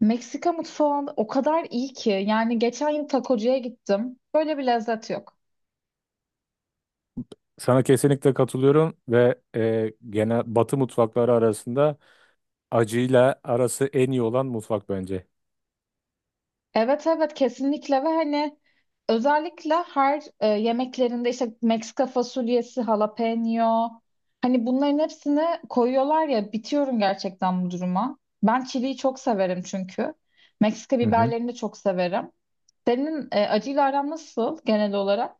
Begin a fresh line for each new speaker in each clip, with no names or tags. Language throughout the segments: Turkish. Meksika mutfağı o kadar iyi ki. Yani geçen yıl takocuya gittim. Böyle bir lezzet yok.
Sana kesinlikle katılıyorum ve genel Batı mutfakları arasında acıyla arası en iyi olan mutfak bence.
Evet evet kesinlikle ve hani özellikle her yemeklerinde işte Meksika fasulyesi, jalapeno hani bunların hepsini koyuyorlar ya bitiyorum gerçekten bu duruma. Ben çiliyi çok severim çünkü. Meksika
Hı hı.
biberlerini de çok severim. Senin acıyla aran nasıl genel olarak?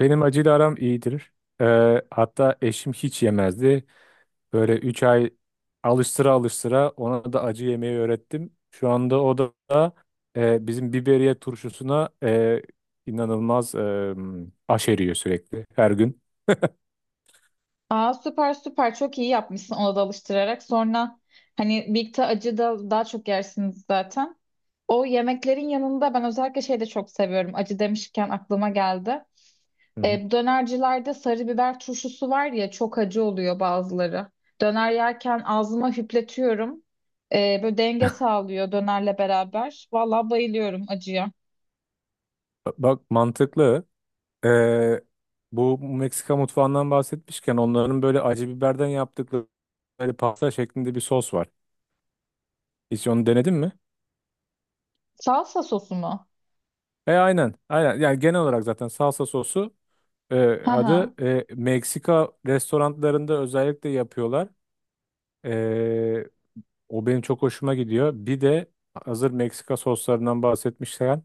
Benim acıyla aram iyidir. E, hatta eşim hiç yemezdi. Böyle 3 ay alıştıra alıştıra ona da acı yemeyi öğrettim. Şu anda o da bizim biberiye turşusuna inanılmaz aşeriyor sürekli her gün.
Aa süper süper çok iyi yapmışsın ona da alıştırarak. Sonra hani birlikte acı da daha çok yersiniz zaten. O yemeklerin yanında ben özellikle şey de çok seviyorum. Acı demişken aklıma geldi.
Hı hı.
Dönercilerde sarı biber turşusu var ya çok acı oluyor bazıları. Döner yerken ağzıma hüpletiyorum. Böyle denge sağlıyor dönerle beraber. Vallahi bayılıyorum acıya.
Bak, mantıklı. Ee, bu Meksika mutfağından bahsetmişken onların böyle acı biberden yaptıkları böyle pasta şeklinde bir sos var. Hiç onu denedin mi?
Salsa sosu mu?
Aynen. Aynen. Yani genel olarak zaten salsa sosu e,
Hı hı.
adı, Meksika restoranlarında özellikle yapıyorlar. E, o benim çok hoşuma gidiyor. Bir de hazır Meksika soslarından bahsetmişken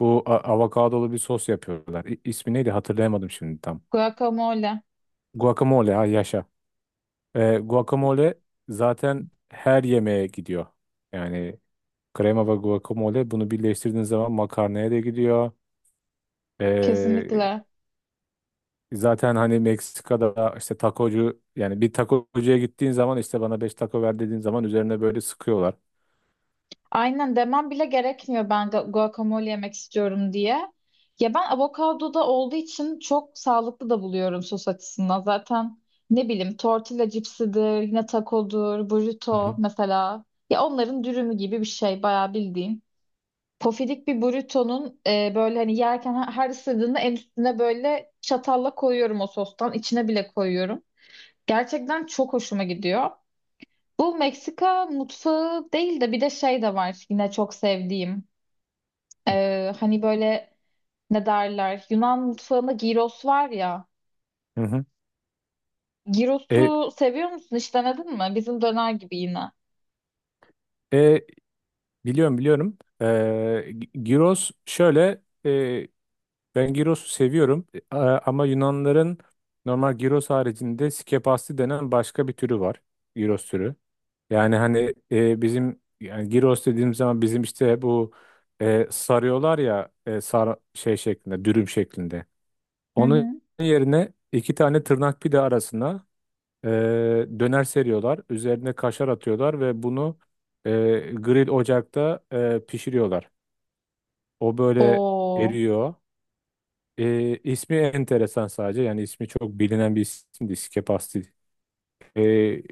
bu avokadolu bir sos yapıyorlar. İsmi neydi hatırlayamadım şimdi tam.
Guacamole.
Guacamole, ha, yaşa. Guacamole zaten her yemeğe gidiyor. Yani krema ve guacamole, bunu birleştirdiğin zaman makarnaya da gidiyor. E,
Kesinlikle.
zaten hani Meksika'da işte takocu, yani bir takocuya gittiğin zaman işte bana 5 taco ver dediğin zaman üzerine böyle sıkıyorlar.
Aynen demem bile gerekmiyor ben guacamole yemek istiyorum diye. Ya ben avokado da olduğu için çok sağlıklı da buluyorum sos açısından. Zaten ne bileyim tortilla cipsidir, yine tacodur,
Hı
burrito
hı.
mesela. Ya onların dürümü gibi bir şey bayağı bildiğin. Pofidik bir burritonun böyle hani yerken her ısırdığında en üstüne böyle çatalla koyuyorum o sostan. İçine bile koyuyorum. Gerçekten çok hoşuma gidiyor. Bu Meksika mutfağı değil de bir de şey de var yine çok sevdiğim.
Hı.
Hani böyle ne derler Yunan mutfağında gyros var ya.
Hı. E,
Gyrosu seviyor musun? Hiç denedin mi? Bizim döner gibi yine.
e, biliyorum biliyorum. Gyros şöyle, ben Giros'u seviyorum. Ama Yunanların normal Giros haricinde skepasti denen başka bir türü var. Giros türü. Yani hani bizim, yani Giros dediğimiz zaman bizim işte bu sarıyorlar ya, şey şeklinde, dürüm şeklinde.
Hı
Onun
hı.
yerine iki tane tırnak pide arasına e, döner seriyorlar. Üzerine kaşar atıyorlar ve bunu e, grill ocakta pişiriyorlar. O böyle
Oo.
eriyor. E, ismi enteresan sadece. Yani ismi çok bilinen bir isimdi. Skepasti. E,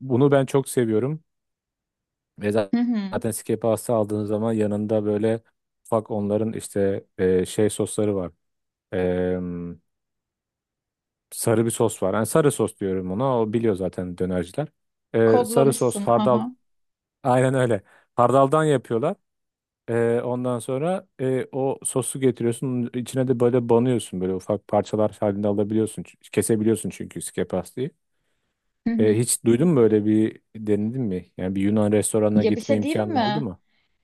bunu ben çok seviyorum. Ve
Hı hı.
zaten Skepasti aldığınız zaman yanında böyle ufak onların işte şey sosları var. E, sarı bir sos var. Yani sarı sos diyorum ona. O biliyor zaten dönerciler. Sarı sos,
Kodlamışsın. Hı
hardal.
hı.
Aynen öyle. Hardaldan yapıyorlar. Ondan sonra o sosu getiriyorsun. Onun içine de böyle banıyorsun. Böyle ufak parçalar halinde alabiliyorsun. Kesebiliyorsun çünkü iskepastayı.
Hı
Ee,
hı.
hiç duydun mu, böyle bir denedin mi? Yani bir Yunan restoranına
Ya bir
gitme
şey diyeyim
imkanın oldu
mi?
mu?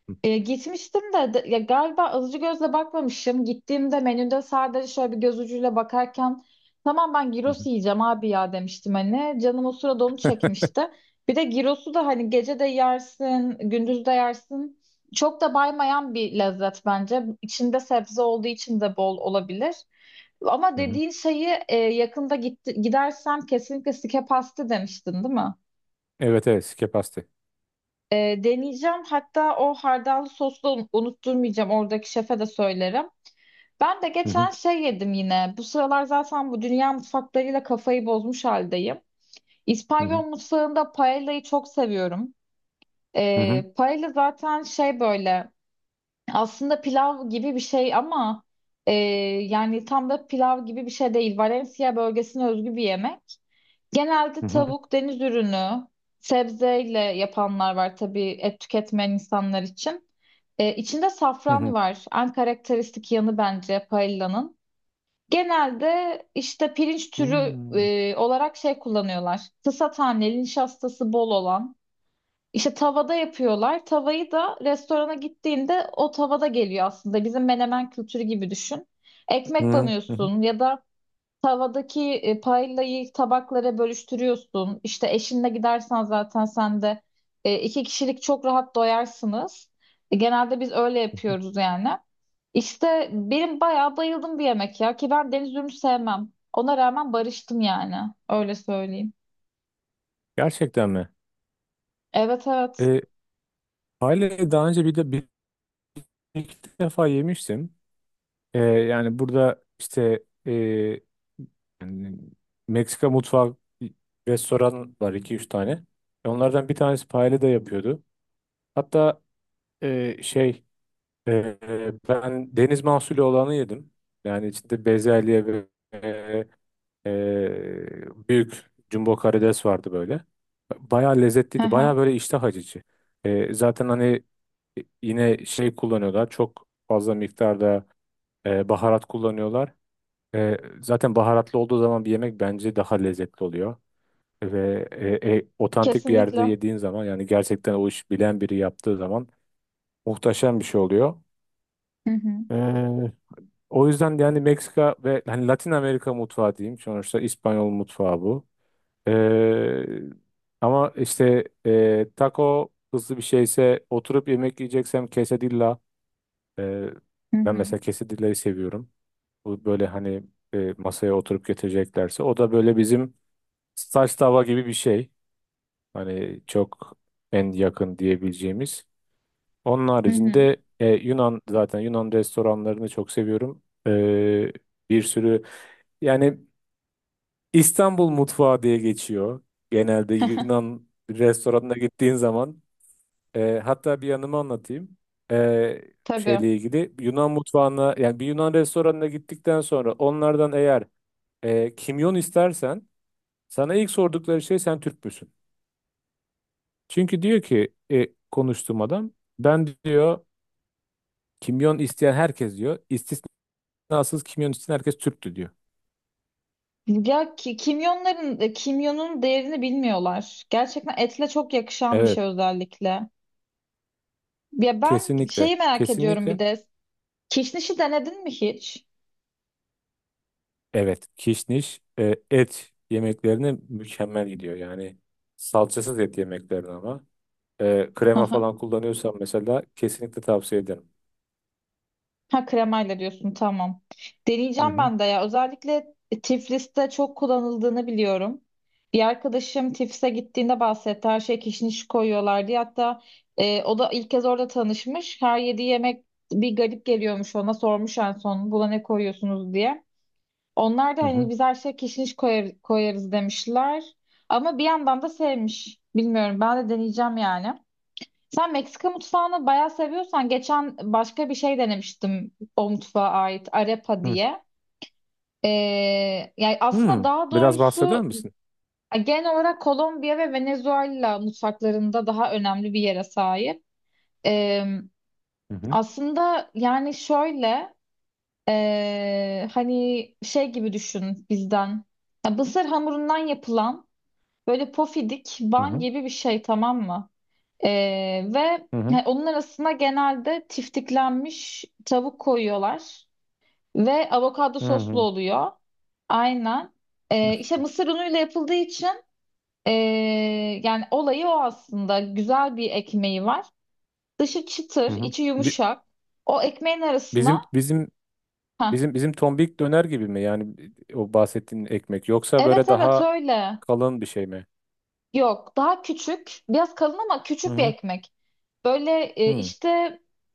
Hı
Gitmiştim de, ya galiba alıcı gözle bakmamışım. Gittiğimde menüde sadece şöyle bir göz ucuyla bakarken tamam ben gyros
hı
yiyeceğim abi ya demiştim hani. Canım o sırada onu çekmişti. Bir de gyrosu da hani gece de yersin, gündüz de yersin. Çok da baymayan bir lezzet bence. İçinde sebze olduğu için de bol olabilir. Ama
hı. Hı.
dediğin şeyi yakında gidersem kesinlikle sike pasta demiştin, değil mi?
Evet, evet, iskepastı.
Deneyeceğim. Hatta o hardallı sosu da unutturmayacağım. Oradaki şefe de söylerim. Ben de
Hı hı
geçen şey yedim yine. Bu sıralar zaten bu dünya mutfaklarıyla kafayı bozmuş haldeyim. İspanyol
hı
mutfağında paella'yı çok seviyorum.
hı hı
Paella zaten şey böyle aslında pilav gibi bir şey ama e, yani tam da pilav gibi bir şey değil. Valencia bölgesine özgü bir yemek. Genelde
hı hı
tavuk, deniz ürünü, sebzeyle yapanlar var tabii et tüketmeyen insanlar için. İçinde
hı
safran
hı.
var. En karakteristik yanı bence paellanın. Genelde işte pirinç türü
Hmm.
olarak şey kullanıyorlar. Kısa taneli, nişastası bol olan. İşte tavada yapıyorlar. Tavayı da restorana gittiğinde o tavada geliyor aslında. Bizim menemen kültürü gibi düşün. Ekmek
Hı hı hı
banıyorsun ya da tavadaki paillayı tabaklara bölüştürüyorsun. İşte eşinle gidersen zaten sen de iki kişilik çok rahat doyarsınız. Genelde biz öyle
hı hı.
yapıyoruz yani. İşte benim bayağı bayıldım bir yemek ya ki ben deniz ürünü sevmem. Ona rağmen barıştım yani. Öyle söyleyeyim.
Gerçekten mi?
Evet evet.
Ee, Hale'yi daha önce bir de bir iki defa yemiştim. Yani burada işte, yani Meksika mutfağı restoran var iki üç tane. Onlardan bir tanesi paella da yapıyordu. Hatta, şey, e, ben deniz mahsulü olanı yedim. Yani içinde bezelye ve e, büyük jumbo karides vardı böyle. Bayağı
Hı
lezzetliydi. Bayağı
hı.
böyle iştah açıcı. Zaten hani yine şey kullanıyorlar. Çok fazla miktarda baharat kullanıyorlar. E, zaten baharatlı olduğu zaman bir yemek bence daha lezzetli oluyor. Ve otantik bir yerde
Kesinlikle.
yediğin zaman, yani gerçekten o iş bilen biri yaptığı zaman muhteşem bir şey oluyor.
Hı hı.
E, o yüzden de yani Meksika ve hani Latin Amerika mutfağı diyeyim. Sonuçta İspanyol mutfağı bu. E, ama işte, taco hızlı bir şeyse, oturup yemek yiyeceksem quesadilla. E,
Hı
ben
hı.
mesela quesadillayı seviyorum. Bu böyle hani masaya oturup getireceklerse. O da böyle bizim saç tava gibi bir şey. Hani çok en yakın diyebileceğimiz. Onun
Hı hı.
haricinde, e, Yunan zaten Yunan restoranlarını çok seviyorum. Bir sürü, yani İstanbul mutfağı diye geçiyor. Genelde Yunan restoranına gittiğin zaman, hatta bir yanımı anlatayım. E,
Tabii.
şeyle ilgili Yunan mutfağına, yani bir Yunan restoranına gittikten sonra onlardan eğer kimyon istersen sana ilk sordukları şey, sen Türk müsün? Çünkü diyor ki, konuştuğum adam, ben diyor, kimyon isteyen herkes diyor, istisnasız kimyon isteyen herkes Türktü diyor.
Ya kimyonun değerini bilmiyorlar. Gerçekten etle çok yakışan bir
Evet,
şey özellikle. Ya ben
kesinlikle,
şeyi merak ediyorum bir
kesinlikle.
de. Kişnişi denedin mi hiç?
Evet, kişniş et yemeklerine mükemmel gidiyor yani, salçasız et yemeklerine. Ama
Hı
krema
hı.
falan kullanıyorsan mesela kesinlikle tavsiye ederim.
Ha kremayla diyorsun tamam.
Hı
Deneyeceğim
hı
ben de ya. Özellikle Tiflis'te çok kullanıldığını biliyorum. Bir arkadaşım Tiflis'e gittiğinde bahsetti. Her şeye kişniş koyuyorlar diye. Hatta o da ilk kez orada tanışmış. Her yediği yemek bir garip geliyormuş ona. Sormuş en son buna ne koyuyorsunuz diye. Onlar da
hı
hani
hı.
biz her şeye kişniş koyarız demişler. Ama bir yandan da sevmiş. Bilmiyorum ben de deneyeceğim yani. Sen Meksika mutfağını bayağı seviyorsan geçen başka bir şey denemiştim o mutfağa ait arepa
Hı.
diye. Ee, Yani aslında
Hmm,
daha
biraz bahseder
doğrusu
misin?
genel olarak Kolombiya ve Venezuela mutfaklarında daha önemli bir yere sahip. Ee,
Hı hı
Aslında yani şöyle hani şey gibi düşün bizden. Ya mısır hamurundan yapılan böyle pofidik
hı
ban
hı
gibi bir şey tamam mı? Ve
hı
onun arasına genelde tiftiklenmiş tavuk koyuyorlar ve avokado
hı
soslu
hı.
oluyor. Aynen. İşte mısır unuyla yapıldığı için ee, yani olayı o aslında. Güzel bir ekmeği var. Dışı çıtır,
Hı hı.
içi
Bi-
yumuşak. O ekmeğin
Bizim
arasına.
bizim
Heh.
bizim tombik döner gibi mi? Yani o bahsettiğin ekmek yoksa
Evet
böyle
evet
daha
öyle.
kalın bir şey mi?
Yok, daha küçük, biraz kalın ama
Hı
küçük bir
hı.
ekmek. Böyle
Hı.
işte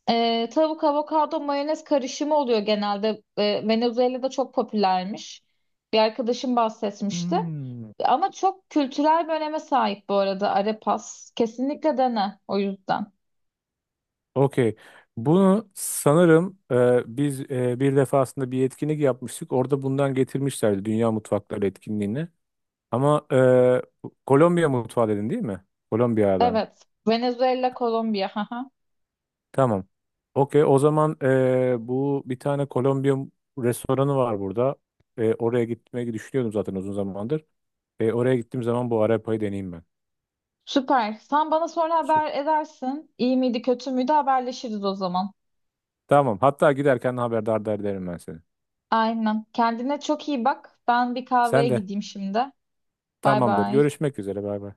tavuk, avokado, mayonez karışımı oluyor genelde. Venezuela'da çok popülermiş. Bir arkadaşım bahsetmişti.
Hmm.
Ama çok kültürel bir öneme sahip bu arada arepas. Kesinlikle dene o yüzden.
Okey. Bunu sanırım biz bir defasında bir etkinlik yapmıştık. Orada bundan getirmişlerdi, Dünya Mutfakları etkinliğini. Ama Kolombiya mutfağı dedin, değil mi? Kolombiya'dan.
Evet, Venezuela, Kolombiya. haha.
Tamam. Okey. O zaman bu bir tane Kolombiya restoranı var burada. Oraya gitmeyi düşünüyordum zaten uzun zamandır. Oraya gittiğim zaman bu arepayı deneyeyim ben.
Süper. Sen bana sonra
Süper.
haber edersin. İyi miydi, kötü müydü haberleşiriz o zaman.
Tamam. Hatta giderken haberdar da ederim ben seni.
Aynen. Kendine çok iyi bak. Ben bir kahveye
Sen de.
gideyim şimdi. Bay
Tamamdır.
bay.
Görüşmek üzere. Bay bay.